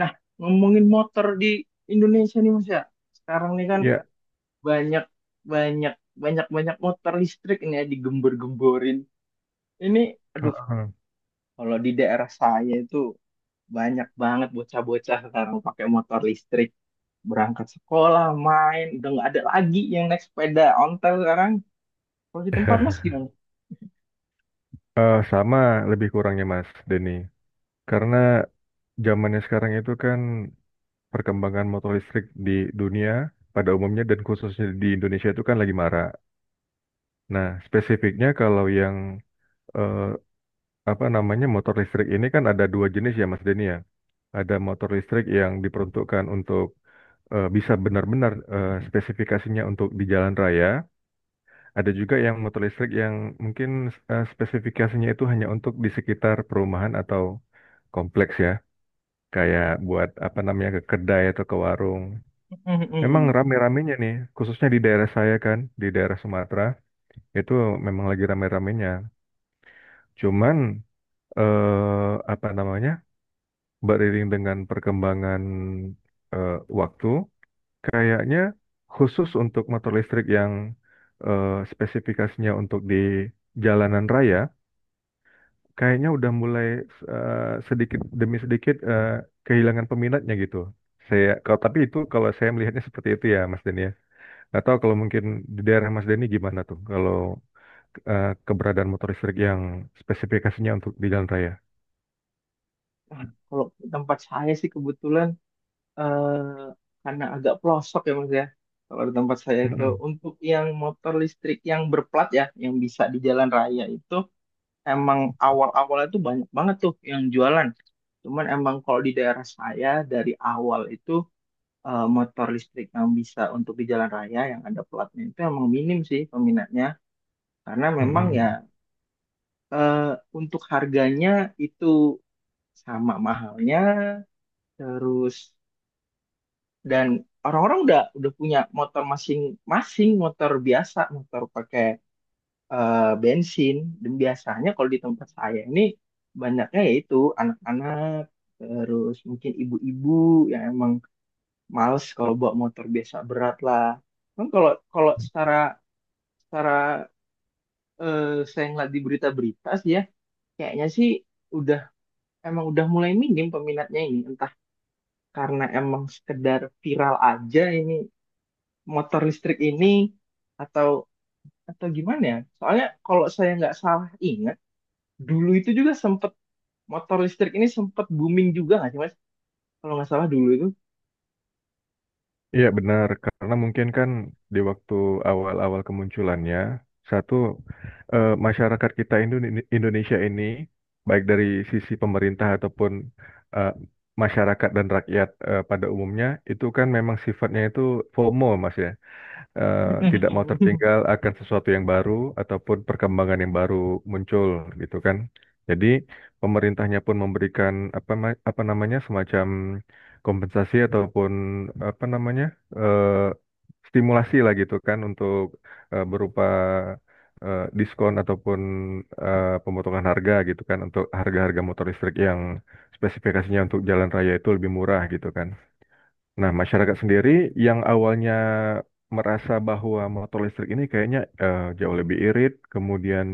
Nah, ngomongin motor di Indonesia nih, Mas, ya. Sekarang nih kan Ya, banyak banyak banyak banyak motor listrik ini ya digembor-gemborin. Ini, aduh, heeh. kalau di daerah saya itu banyak banget bocah-bocah sekarang pakai motor listrik berangkat sekolah, main, udah nggak ada lagi yang naik sepeda ontel sekarang. Kalau di tempat Mas gimana? Sama lebih kurangnya Mas Denny. Karena zamannya sekarang itu kan perkembangan motor listrik di dunia pada umumnya dan khususnya di Indonesia itu kan lagi marak. Nah, spesifiknya kalau yang eh, apa namanya motor listrik ini kan ada dua jenis ya Mas Denny ya. Ada motor listrik yang diperuntukkan untuk bisa benar-benar spesifikasinya untuk di jalan raya. Ada juga yang motor listrik yang mungkin spesifikasinya itu hanya untuk di sekitar perumahan atau kompleks ya. Kayak buat apa namanya ke kedai atau ke warung. Memang rame-ramenya nih, khususnya di daerah saya kan, di daerah Sumatera, itu memang lagi rame-ramenya. Cuman apa namanya? Beriring dengan perkembangan eh, waktu, kayaknya khusus untuk motor listrik yang spesifikasinya untuk di jalanan raya kayaknya udah mulai eh, sedikit demi sedikit kehilangan peminatnya gitu. Saya kalau tapi itu kalau saya melihatnya seperti itu ya Mas Denny ya. Nggak tahu kalau mungkin di daerah Mas Denny gimana tuh kalau keberadaan motor listrik yang spesifikasinya untuk di jalan raya. Nah, kalau di tempat saya sih kebetulan, eh karena agak pelosok ya, Mas, ya. Kalau di tempat saya itu Mm-mm. untuk yang motor listrik yang berplat ya, yang bisa di jalan raya itu, emang awal-awalnya itu banyak banget tuh yang jualan. Cuman emang kalau di daerah saya dari awal itu, motor listrik yang bisa untuk di jalan raya yang ada platnya itu emang minim sih peminatnya. Karena memang ya, Mm-mm. eh, untuk harganya itu sama mahalnya, terus dan orang-orang udah punya motor masing-masing, motor biasa, motor pakai eh, bensin. Dan biasanya kalau di tempat saya ini banyaknya yaitu anak-anak, terus mungkin ibu-ibu yang emang males kalau bawa motor biasa, berat lah kan. Kalau kalau secara secara, eh, saya ngeliat di berita-berita sih ya, kayaknya sih udah, emang udah mulai minim peminatnya ini, entah karena emang sekedar viral aja ini motor listrik ini, atau atau gimana ya? Soalnya kalau saya nggak salah ingat, dulu itu juga sempet, motor listrik ini sempet booming juga nggak sih, Mas? Kalau nggak salah dulu itu. Iya benar, karena mungkin kan di waktu awal-awal kemunculannya, satu masyarakat kita Indonesia ini, baik dari sisi pemerintah ataupun eh, masyarakat dan rakyat pada umumnya, itu kan memang sifatnya itu FOMO mas ya, eh, tidak mau tertinggal akan sesuatu yang baru ataupun perkembangan yang baru muncul gitu kan. Jadi pemerintahnya pun memberikan apa apa namanya semacam kompensasi ataupun apa namanya eh, stimulasi lah gitu kan untuk berupa diskon ataupun pemotongan harga gitu kan untuk harga-harga motor listrik yang spesifikasinya untuk jalan raya itu lebih murah gitu kan. Nah, masyarakat sendiri yang awalnya merasa bahwa motor listrik ini kayaknya jauh lebih irit, kemudian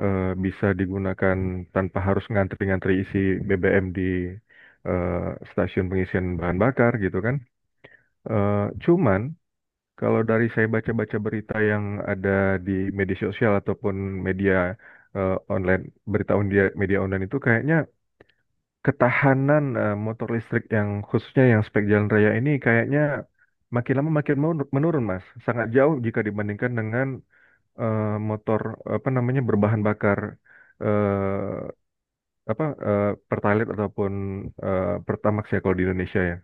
bisa digunakan tanpa harus ngantri-ngantri isi BBM di eh, stasiun pengisian bahan bakar gitu kan. Eh, Cuman kalau dari saya baca-baca berita yang ada di media sosial ataupun media online, berita media online itu kayaknya ketahanan motor listrik yang khususnya yang spek jalan raya ini kayaknya makin lama makin menurun, Mas. Sangat jauh jika dibandingkan dengan eh, motor apa namanya berbahan bakar eh, Pertalite ataupun Pertamax ya kalau di Indonesia ya.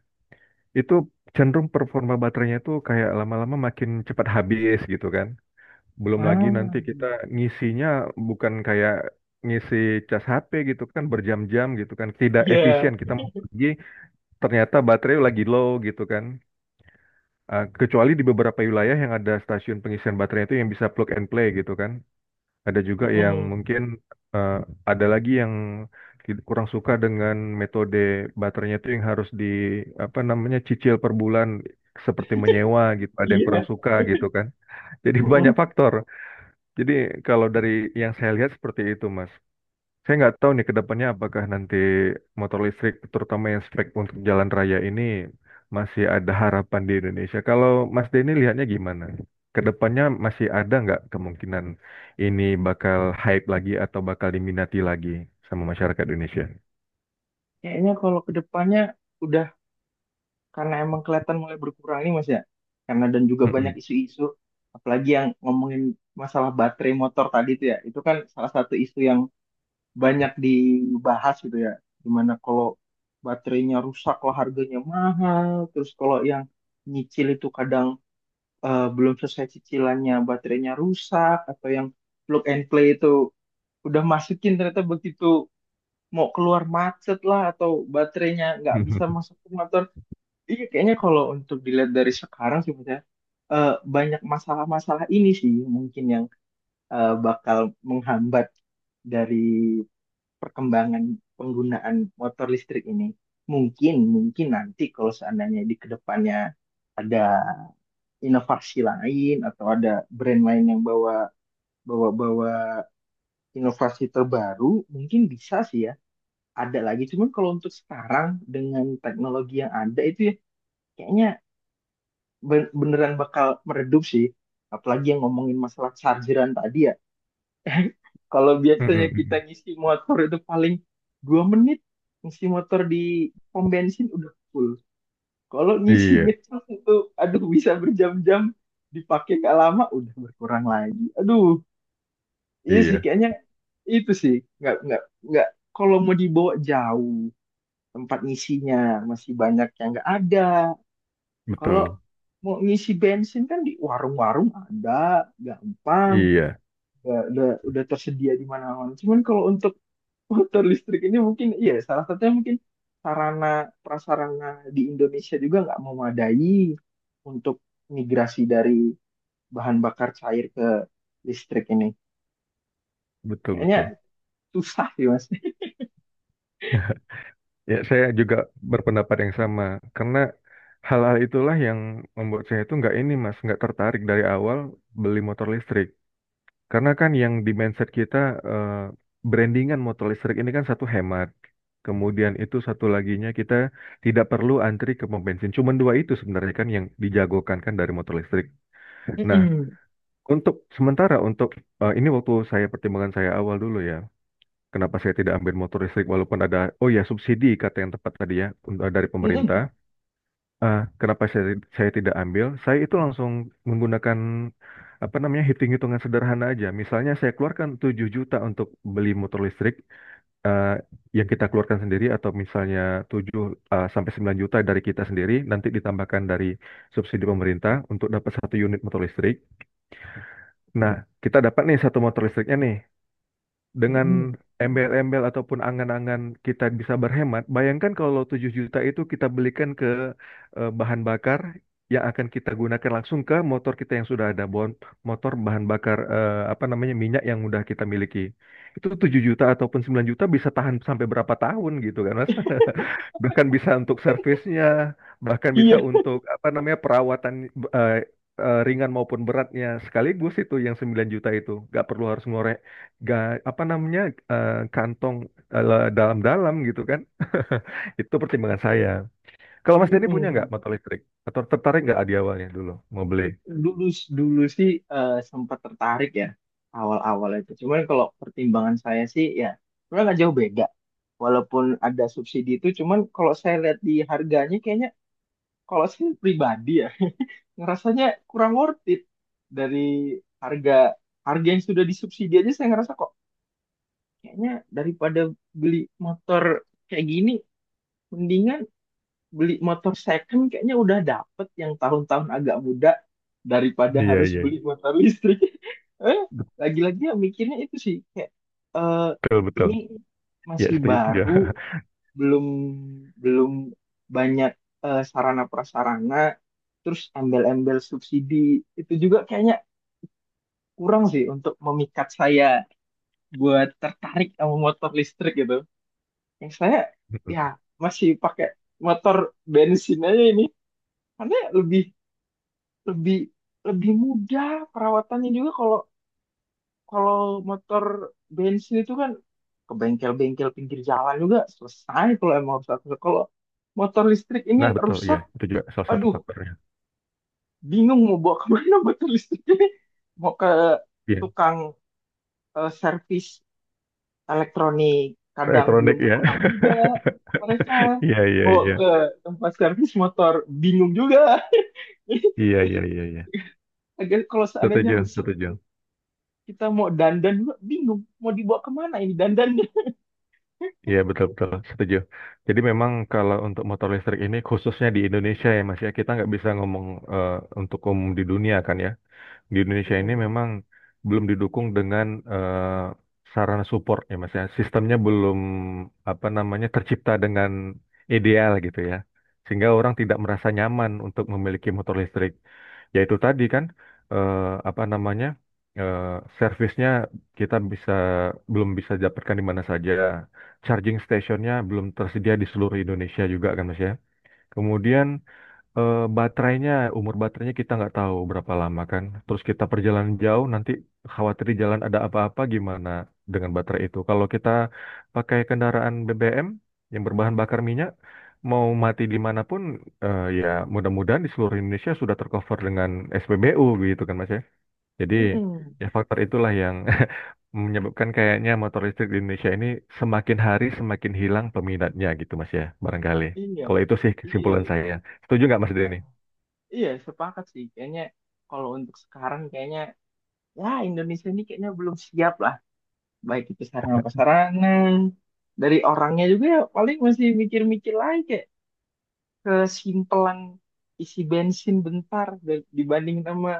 Itu cenderung performa baterainya itu kayak lama-lama makin cepat habis gitu kan. Belum lagi Ah, nanti kita ngisinya bukan kayak ngisi cas HP gitu kan berjam-jam gitu kan tidak iya. efisien kita mau pergi ternyata baterai lagi low gitu kan. Ah, kecuali di beberapa wilayah yang ada stasiun pengisian baterai itu yang bisa plug and play gitu kan. Ada juga yang Mm-mm. mungkin eh, ada lagi yang kurang suka dengan metode baterainya itu yang harus di apa namanya cicil per bulan seperti menyewa gitu. Ada yang kurang Iya. suka gitu kan. Jadi banyak Mm-mm. faktor. Jadi kalau dari yang saya lihat seperti itu, Mas. Saya nggak tahu nih ke depannya apakah nanti motor listrik, terutama yang spek untuk jalan raya ini, masih ada harapan di Indonesia. Kalau Mas Denny lihatnya gimana? Ke depannya masih ada nggak kemungkinan ini bakal hype lagi atau bakal diminati lagi sama masyarakat Indonesia? Kayaknya kalau ke depannya udah, karena emang kelihatan mulai berkurang nih, Mas, ya. Karena dan juga banyak Mm-mm. isu-isu, apalagi yang ngomongin masalah baterai motor tadi itu ya. Itu kan salah satu isu yang banyak dibahas gitu ya. Gimana kalau baterainya rusak, kalau harganya mahal, terus kalau yang nyicil itu kadang, belum selesai cicilannya baterainya rusak, atau yang plug and play itu udah masukin ternyata begitu mau keluar macet lah, atau baterainya nggak bisa masuk ke motor. Iya, kayaknya kalau untuk dilihat dari sekarang sih Mas ya, eh, banyak masalah-masalah ini sih mungkin yang bakal menghambat dari perkembangan penggunaan motor listrik ini. Mungkin mungkin nanti kalau seandainya di kedepannya ada inovasi lain atau ada brand lain yang bawa bawa bawa inovasi terbaru, mungkin bisa sih ya ada lagi. Cuman kalau untuk sekarang dengan teknologi yang ada itu ya kayaknya beneran bakal meredup sih, apalagi yang ngomongin masalah chargeran tadi ya. Kalau biasanya kita Mm-mm. ngisi motor itu paling 2 menit, ngisi motor di pom bensin udah full. Kalau ngisi Iya, ngecas itu, aduh, bisa berjam-jam, dipakai gak lama udah berkurang lagi. Aduh, iya sih iya, kayaknya itu sih nggak, kalau mau dibawa jauh, tempat ngisinya masih banyak yang nggak ada. Kalau betul. mau ngisi bensin kan di warung-warung ada, gampang, Iya, udah, udah tersedia di mana-mana. Cuman kalau untuk motor listrik ini mungkin iya, salah satunya mungkin sarana prasarana di Indonesia juga nggak memadai untuk migrasi dari bahan bakar cair ke listrik ini. betul, Kayaknya betul. susah sih, Mas. Ya, saya juga berpendapat yang sama. Karena hal-hal itulah yang membuat saya itu nggak ini, Mas, nggak tertarik dari awal beli motor listrik. Karena kan yang di mindset kita eh, brandingan motor listrik ini kan satu hemat. Kemudian itu satu laginya kita tidak perlu antri ke pom bensin. Cuman dua itu sebenarnya kan yang dijagokan kan dari motor listrik. Nah, Mm-mm. untuk sementara untuk ini waktu saya pertimbangan saya awal dulu ya. Kenapa saya tidak ambil motor listrik walaupun ada, oh ya subsidi kata yang tepat tadi ya untuk dari pemerintah. Mm-mm. Kenapa saya tidak ambil? Saya itu langsung menggunakan apa namanya hitung-hitungan sederhana aja. Misalnya saya keluarkan 7 juta untuk beli motor listrik eh, yang kita keluarkan sendiri atau misalnya 7 sampai 9 juta dari kita sendiri nanti ditambahkan dari subsidi pemerintah untuk dapat satu unit motor listrik. Nah, kita dapat nih satu motor listriknya nih dengan Mm-mm. embel-embel ataupun angan-angan kita bisa berhemat, bayangkan kalau 7 juta itu kita belikan ke bahan bakar yang akan kita gunakan langsung ke motor kita yang sudah ada, bon motor bahan bakar eh, apa namanya minyak yang udah kita miliki. Itu 7 juta ataupun 9 juta bisa tahan sampai berapa tahun gitu kan, Mas? Bahkan bisa untuk servisnya, bahkan bisa Iya. untuk apa namanya perawatan eh, ringan maupun beratnya sekaligus itu yang 9 juta itu nggak perlu harus ngorek nggak apa namanya kantong dalam-dalam gitu kan. Itu pertimbangan saya kalau Mas Denny punya nggak Mm-mm. motor listrik atau tertarik nggak di awalnya dulu mau beli. Dulu dulu sih, sempat tertarik ya awal-awal itu. Cuman kalau pertimbangan saya sih ya sebenarnya nggak jauh beda. Walaupun ada subsidi itu, cuman kalau saya lihat di harganya, kayaknya, kalau saya pribadi ya, ngerasanya kurang worth it dari harga, yang sudah disubsidi aja saya ngerasa kok, kayaknya daripada beli motor kayak gini mendingan beli motor second, kayaknya udah dapet yang tahun-tahun agak muda daripada Iya, harus iya, beli motor listrik. Eh, lagi-lagi ya mikirnya itu sih kayak, eh, betul, betul, ini ya masih setuju setuju. baru, belum belum banyak sarana prasarana, terus embel-embel subsidi itu juga kayaknya kurang sih untuk memikat saya buat tertarik sama motor listrik gitu, yang saya ya masih pakai motor bensin aja ini karena lebih lebih lebih mudah perawatannya juga. Kalau kalau motor bensin itu kan ke bengkel-bengkel pinggir jalan juga selesai kalau emang harus. Kalau motor listrik ini Nah, betul, ya rusak, itu juga salah satu aduh, faktornya. bingung mau bawa kemana motor listriknya, mau ke Iya, tukang servis elektronik kadang belum elektronik ya. paham juga mereka, Iya, iya, bawa iya, ke tempat servis motor bingung juga. iya, iya, iya, iya. Agar kalau seandainya Setuju, rusak setuju. kita mau dandan juga bingung mau dibawa kemana ini dandannya. Iya, betul-betul setuju. Jadi memang kalau untuk motor listrik ini khususnya di Indonesia ya Mas ya, kita nggak bisa ngomong eh, untuk umum di dunia kan ya. Di Indonesia ini Mm-mm. memang belum didukung dengan sarana support ya Mas ya. Sistemnya belum apa namanya tercipta dengan ideal gitu ya. Sehingga orang tidak merasa nyaman untuk memiliki motor listrik. Ya itu tadi kan eh, apa namanya eh, servisnya kita bisa belum bisa dapatkan di mana saja. Charging stationnya belum tersedia di seluruh Indonesia juga kan Mas ya. Kemudian baterainya, umur baterainya kita nggak tahu berapa lama kan. Terus kita perjalanan jauh, nanti khawatir di jalan ada apa-apa gimana dengan baterai itu. Kalau kita pakai kendaraan BBM yang berbahan bakar minyak, mau mati dimanapun, ya mudah-mudahan di seluruh Indonesia sudah tercover dengan SPBU gitu kan Mas ya. Jadi Mm-mm. ya faktor itulah yang menyebabkan kayaknya motor listrik di Indonesia ini semakin hari semakin hilang peminatnya gitu Mas ya, barangkali. Iya, Kalau itu sih kesimpulan iya. saya. Setuju nggak Mas Ah, Denny? iya sepakat sih kayaknya, kalau untuk sekarang kayaknya ya Indonesia ini kayaknya belum siap lah, baik itu sarana prasarana, dari orangnya juga ya paling masih mikir-mikir lagi kayak kesimpelan isi bensin bentar dibanding sama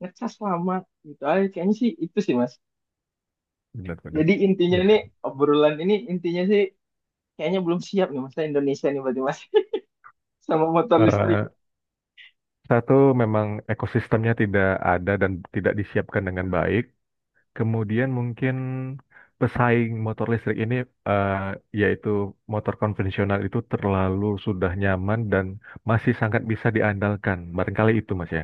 ngecas lama, gitu aja kayaknya sih itu sih, Mas. Benar-benar. Jadi intinya Ya. ini, obrolan ini intinya sih kayaknya belum siap nih Mas, Indonesia nih berarti, Mas. Sama motor listrik. Eh, Satu memang ekosistemnya tidak ada dan tidak disiapkan dengan baik. Kemudian mungkin pesaing motor listrik ini eh, yaitu motor konvensional itu terlalu sudah nyaman dan masih sangat bisa diandalkan. Barangkali itu Mas ya.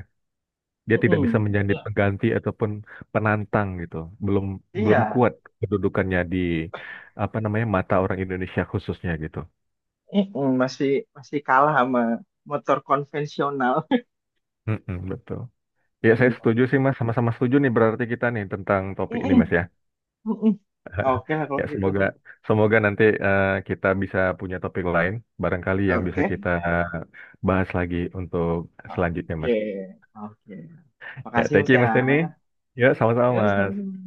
Dia tidak bisa Mm-mm. menjadi pengganti ataupun penantang gitu. Belum, belum Iya. kuat kedudukannya di apa namanya mata orang Indonesia khususnya gitu. Mm-mm. masih masih kalah sama motor konvensional. Mm-mm, betul. Ya, saya Mm. setuju sih Mas, sama-sama setuju nih berarti kita nih tentang topik ini Mm-mm. Mas ya. Mm-mm. Oke lah kalau Ya, gitu. semoga semoga nanti kita bisa punya topik lain barangkali yang bisa Oke. kita bahas lagi untuk selanjutnya Oke, Mas. oke. Ya, Makasih thank Mas you ya. Mas Denny. Ya, sama-sama Ya, sama-sama. Mas.